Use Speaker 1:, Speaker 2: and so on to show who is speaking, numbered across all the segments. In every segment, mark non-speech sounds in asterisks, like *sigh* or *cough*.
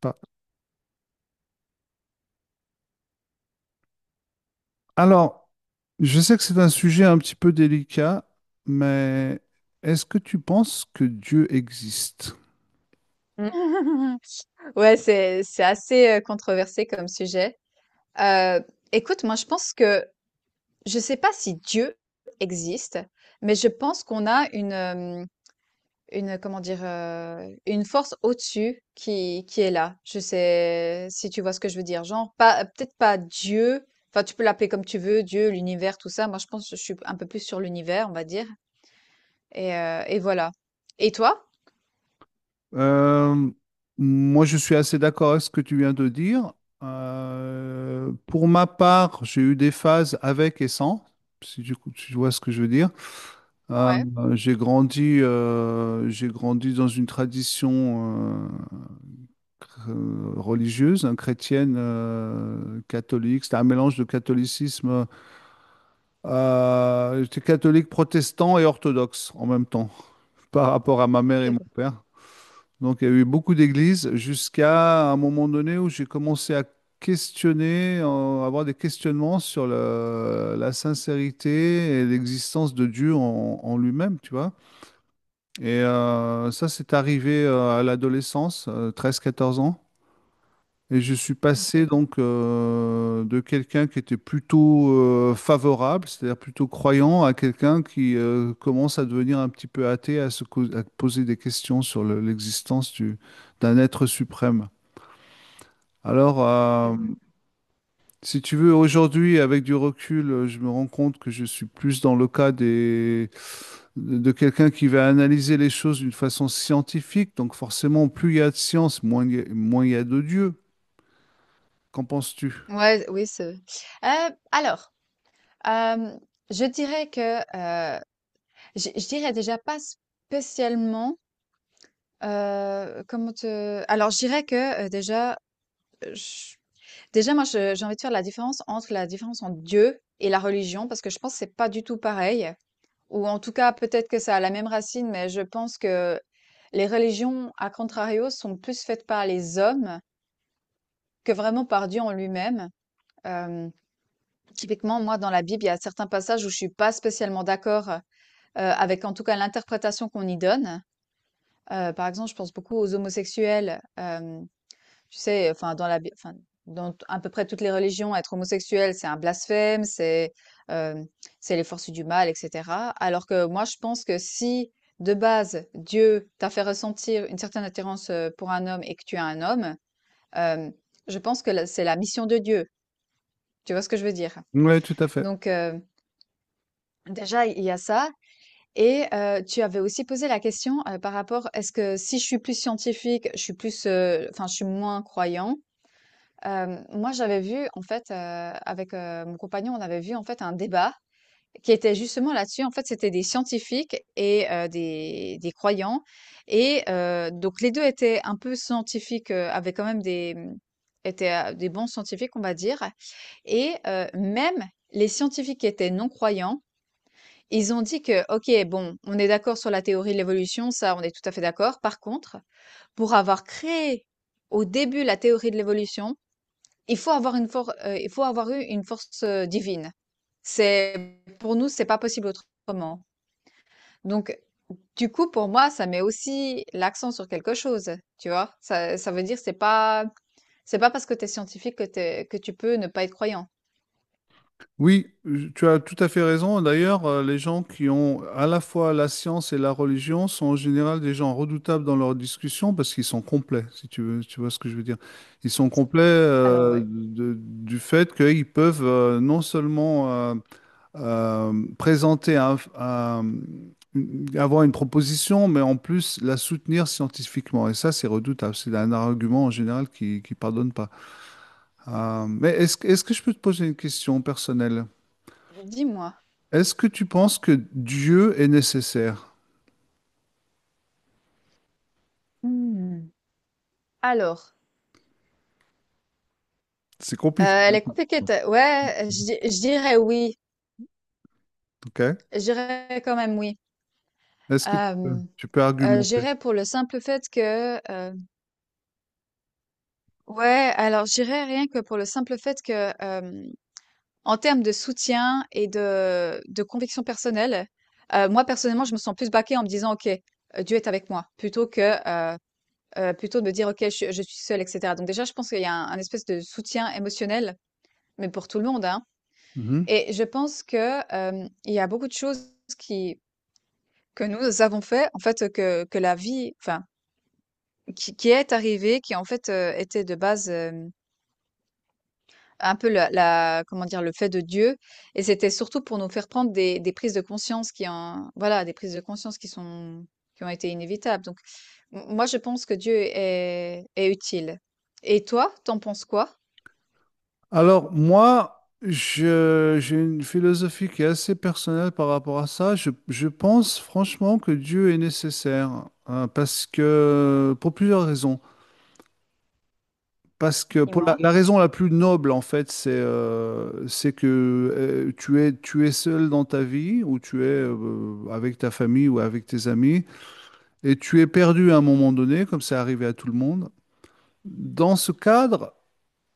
Speaker 1: Pas- Alors, je sais que c'est un sujet un petit peu délicat, mais est-ce que tu penses que Dieu existe?
Speaker 2: Mmh. *laughs* Ouais, c'est assez, controversé comme sujet. Heu, Écoute, moi, je pense que je sais pas si Dieu existe, mais je pense qu'on a une comment dire? Une force au-dessus qui est là. Je sais si tu vois ce que je veux dire? Genre pas peut-être pas Dieu, enfin tu peux l'appeler comme tu veux, Dieu, l'univers, tout ça. Moi je pense que je suis un peu plus sur l'univers, on va dire et voilà. Et toi?
Speaker 1: Euh, Moi, je suis assez d'accord avec ce que tu viens de dire. Pour ma part, j'ai eu des phases avec et sans, si tu vois ce que je veux dire. Euh,
Speaker 2: Ouais,
Speaker 1: j'ai grandi dans une tradition religieuse, hein, chrétienne, catholique. C'était un mélange de catholicisme. J'étais catholique, protestant et orthodoxe en même temps, par rapport à ma mère et
Speaker 2: OK,
Speaker 1: mon
Speaker 2: ouais,
Speaker 1: père. Donc, il y a eu beaucoup d'églises jusqu'à un moment donné où j'ai commencé à avoir des questionnements sur la sincérité et l'existence de Dieu en lui-même, tu vois. Et ça, c'est arrivé à l'adolescence, 13-14 ans. Et je suis passé
Speaker 2: OK.
Speaker 1: donc de quelqu'un qui était plutôt favorable, c'est-à-dire plutôt croyant, à quelqu'un qui commence à devenir un petit peu athée, à poser des questions sur l'existence d'un être suprême. Alors, euh,
Speaker 2: Hem
Speaker 1: Si tu veux, aujourd'hui, avec du recul, je me rends compte que je suis plus dans le cas des, de quelqu'un qui va analyser les choses d'une façon scientifique. Donc forcément, plus il y a de science, moins il y a de Dieu. Qu'en penses-tu?
Speaker 2: Ouais, Ouais, oui, c'est heu, alors, hem, je dirais que, je dirais déjà pas spécialement, comment te alors je dirais que, déjà. Heu, déjà moi je j'ai envie de faire la différence entre Dieu et la religion parce que je pense que c'est pas du tout pareil, ou en tout cas peut-être que ça a la même racine, mais je pense que les religions à contrario sont plus faites par les hommes que vraiment par Dieu en lui-même. Hem, typiquement moi dans la Bible, il y a certains passages où je suis pas spécialement d'accord, avec en tout cas l'interprétation qu'on y donne. Par exemple, je pense beaucoup aux homosexuels. Hem Tu sais, enfin, à peu près toutes les religions, être homosexuel, c'est un blasphème, euh, c'est les forces du mal, etc. Alors que moi, je pense que si de base Dieu t'a fait ressentir une certaine attirance pour un homme et que tu es un homme, euh, je pense que c'est la mission de Dieu. Tu vois ce que je veux dire?
Speaker 1: Oui, tout à fait.
Speaker 2: Donc déjà, il y a ça. Et tu avais aussi posé la question par rapport, est-ce que si je suis plus scientifique, je suis plus, je suis moins croyant. Moi, j'avais vu en fait, avec, mon compagnon, on avait vu en fait un débat qui était justement là-dessus. En fait, c'était des scientifiques et des croyants et donc les 2 étaient un peu scientifiques, avaient quand même des, mmh, étaient, des bons scientifiques, on va dire, et même les scientifiques qui étaient non-croyants, ils ont dit que: «OK, bon, on est d'accord sur la théorie de l'évolution, ça, on est tout à fait d'accord. Par contre, pour avoir créé au début la théorie de l'évolution, il faut avoir une force, il faut avoir eu une force divine. C'est pour nous, c'est pas possible autrement.» Donc, du coup, pour moi, ça met aussi l'accent sur quelque chose, tu vois. Ça veut dire c'est pas parce que t'es scientifique que que tu peux ne pas être croyant.
Speaker 1: Oui, je- tu as tout à fait raison. D'ailleurs, les gens qui ont à la fois la science et la religion sont en général des gens redoutables dans leurs discussions parce qu'ils sont complets, si tu veux, tu vois ce que je veux dire. Ils sont complets
Speaker 2: Alors
Speaker 1: euh,
Speaker 2: ouais,
Speaker 1: de- du fait qu'ils peuvent non seulement présenter avoir une proposition, mais en plus la soutenir scientifiquement. Et ça, c'est redoutable. C'est un argument en général qui ne pardonne pas. Mais est-ce que je peux te poser une question personnelle?
Speaker 2: dis-moi.
Speaker 1: Est-ce que tu penses que Dieu est nécessaire?
Speaker 2: Hmm. Alors,
Speaker 1: C'est compliqué,
Speaker 2: elle est compliquée. Ouais, je dirais oui.
Speaker 1: ok?
Speaker 2: Je dirais quand même oui.
Speaker 1: Est-ce que
Speaker 2: Euh,
Speaker 1: tu peux
Speaker 2: je
Speaker 1: argumenter?
Speaker 2: dirais pour le simple fait que ouais, alors je dirais rien que pour le simple fait que, en termes de soutien et de conviction personnelle, moi personnellement, je me sens plus backée en me disant: «OK, Dieu est avec moi», plutôt que, heu plutôt de me dire: «OK, je suis seule», et cetera. Donc déjà, je pense qu'il y a un espèce de soutien émotionnel, mais pour tout le monde, hein.
Speaker 1: Mhm.
Speaker 2: Et je pense que, il y a beaucoup de choses qui que nous avons fait, en fait, que la vie enfin, qui est arrivée, qui en fait, était de base, un peu la comment dire? Le fait de Dieu, et c'était surtout pour nous faire prendre des prises de conscience qui en voilà, des prises de conscience qui sont qui ont été inévitables. Donc m moi, je pense que Dieu est utile. Et toi, t'en penses quoi?
Speaker 1: Moi, j'ai une philosophie qui est assez personnelle par rapport à ça. Je pense franchement que Dieu est nécessaire, hein, parce que, pour plusieurs raisons. Parce que pour
Speaker 2: Dis-moi?
Speaker 1: la raison la plus noble, en fait, c'est que tu es seul dans ta vie, ou tu es avec ta famille ou avec tes amis. Et tu es perdu à un moment donné, comme c'est arrivé à tout le monde. Dans ce cadre,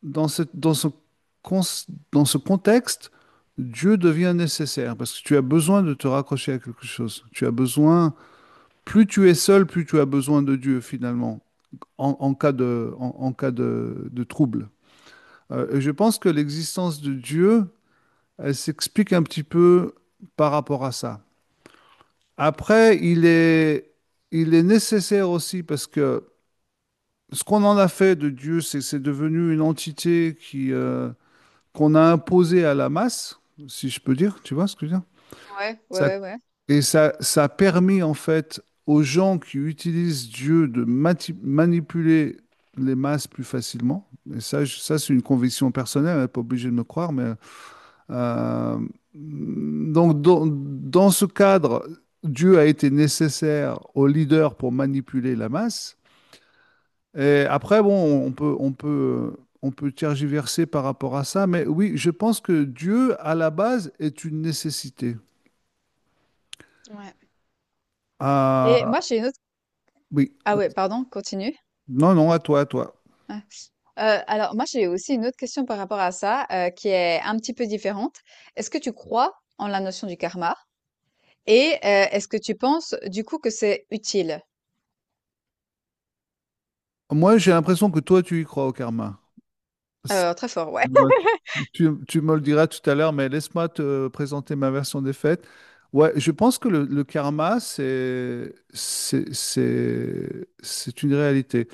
Speaker 1: dans ce, cons- Dans ce contexte, Dieu devient nécessaire parce que tu as besoin de te raccrocher à quelque chose. Tu as besoin, plus tu es seul, plus tu as besoin de Dieu finalement, en cas de trouble. Et je pense que l'existence de Dieu, elle s'explique un petit peu par rapport à ça. Après, il est nécessaire aussi parce que ce qu'on en a fait de Dieu, c'est devenu une entité qui, qu'on a imposée à la masse, si je peux dire, tu vois ce que je veux dire?
Speaker 2: Ouais,
Speaker 1: Ça-
Speaker 2: ouais, ouais.
Speaker 1: ça ça a permis en fait aux gens qui utilisent Dieu de manipuler les masses plus facilement. Et ça c'est une conviction personnelle, elle n'est pas obligée de me croire, mais euh, donc dans ce cadre, Dieu a été nécessaire aux leaders pour manipuler la masse. Et après, bon, on peut tergiverser par rapport à ça, mais oui, je pense que Dieu, à la base, est une nécessité.
Speaker 2: Ouais. Et moi,
Speaker 1: Ah,
Speaker 2: j'ai une autre,
Speaker 1: oui.
Speaker 2: ah ouais, pardon, continue.
Speaker 1: Non, non, à toi, à toi.
Speaker 2: Ah, alors moi, j'ai aussi une autre question par rapport à ça, qui est un petit peu différente. Est-ce que tu crois en la notion du karma? Et est-ce que tu penses, du coup, que c'est utile?
Speaker 1: Moi, j'ai l'impression que toi, tu y crois au karma. C'est-
Speaker 2: Très fort, ouais.
Speaker 1: ouais,
Speaker 2: *laughs*
Speaker 1: Tu me le diras tout à l'heure, mais laisse-moi te présenter ma version des faits. Ouais, je pense que le karma, c'est une réalité.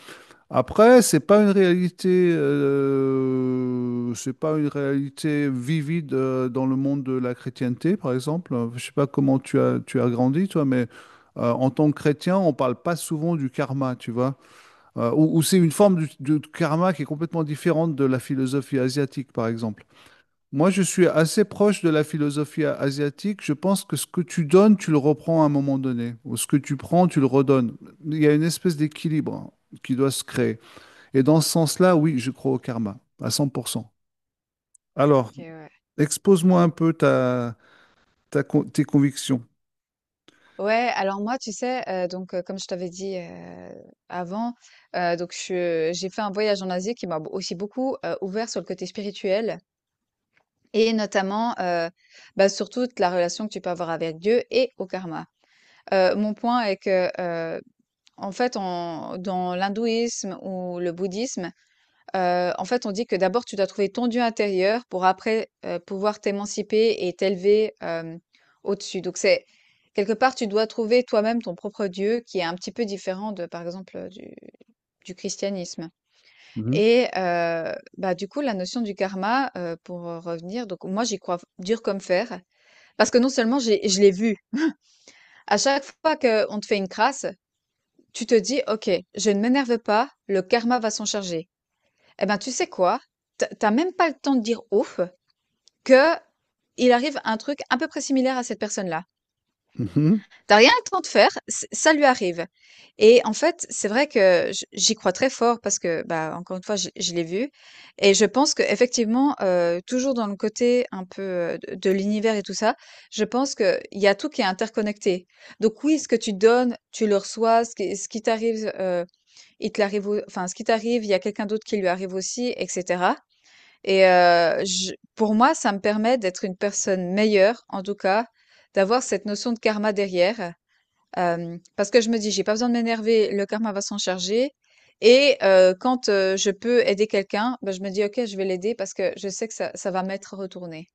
Speaker 1: Après, c'est pas une réalité vivide dans le monde de la chrétienté, par exemple. Je sais pas comment tu as grandi, toi, mais en tant que chrétien, on parle pas souvent du karma, tu vois. Ou ou c'est une forme de karma qui est complètement différente de la philosophie asiatique, par exemple. Moi, je suis assez proche de la philosophie asiatique. Je pense que ce que tu donnes, tu le reprends à un moment donné, ou ce que tu prends, tu le redonnes. Il y a une espèce d'équilibre hein, qui doit se créer. Et dans ce sens-là, oui, je crois au karma, à 100%. Alors,
Speaker 2: OK, ouais.
Speaker 1: expose-moi un peu tes convictions.
Speaker 2: Ouais, alors moi, tu sais, comme je t'avais dit, avant, donc je j'ai fait un voyage en Asie qui m'a b aussi beaucoup, ouvert sur le côté spirituel et notamment, bah, sur toute la relation que tu peux avoir avec Dieu et au karma. Mon point est que, en fait, en dans l'hindouisme ou le bouddhisme, en fait, on dit que d'abord tu dois trouver ton Dieu intérieur pour après, pouvoir t'émanciper et t'élever, au-dessus. Donc c'est, quelque part, tu dois trouver toi-même ton propre Dieu qui est un petit peu différent de, par exemple, du christianisme.
Speaker 1: Mhm.
Speaker 2: Et bah, du coup, la notion du karma, donc moi, j'y crois dur comme fer parce que non seulement j'ai je l'ai vu. À chaque fois qu'on te fait une crasse, tu te dis: «OK, je ne m'énerve pas, le karma va s'en charger». Eh ben, tu sais quoi? Tu as même pas le temps de dire «ouf» que il arrive un truc à peu près similaire à cette personne-là.
Speaker 1: Mhm.
Speaker 2: T'as rien le temps de faire, ç ça lui arrive, et en fait, c'est vrai que j'y crois très fort parce que, bah, encore une fois, je l'ai vu. Et je pense qu'effectivement, toujours dans le côté un peu, de l'univers et tout ça, je pense que il y a tout qui est interconnecté. Donc oui, ce que tu donnes, tu le reçois, ce qui t'arrive, il te l'arrive au enfin, ce qui t'arrive, il y a quelqu'un d'autre qui lui arrive aussi, et cetera. Et je pour moi, ça me permet d'être une personne meilleure, en tout cas, d'avoir cette notion de karma derrière, parce que je me dis: «J'ai pas besoin de m'énerver, le karma va s'en charger». Et quand, je peux aider quelqu'un, ben je me dis: «OK, je vais l'aider», parce que je sais que ça va m'être retourné.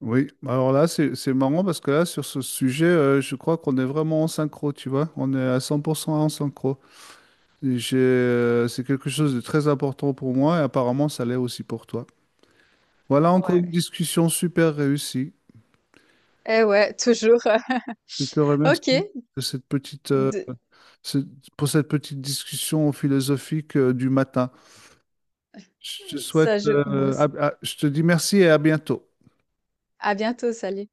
Speaker 1: Oui, alors là, c'est marrant parce que là, sur ce sujet, je crois qu'on est vraiment en synchro, tu vois. On est à 100% en synchro. Et c'est quelque chose de très important pour moi et apparemment, ça l'est aussi pour toi. Voilà encore une
Speaker 2: Ouais.
Speaker 1: discussion super réussie.
Speaker 2: Eh ouais, toujours. *laughs*
Speaker 1: Je te
Speaker 2: OK,
Speaker 1: remercie de cette petite,
Speaker 2: de
Speaker 1: ce- pour cette petite discussion philosophique, du matin. Je te souhaite,
Speaker 2: ça joue, moi.
Speaker 1: je te dis merci et à bientôt.
Speaker 2: À bientôt, salut.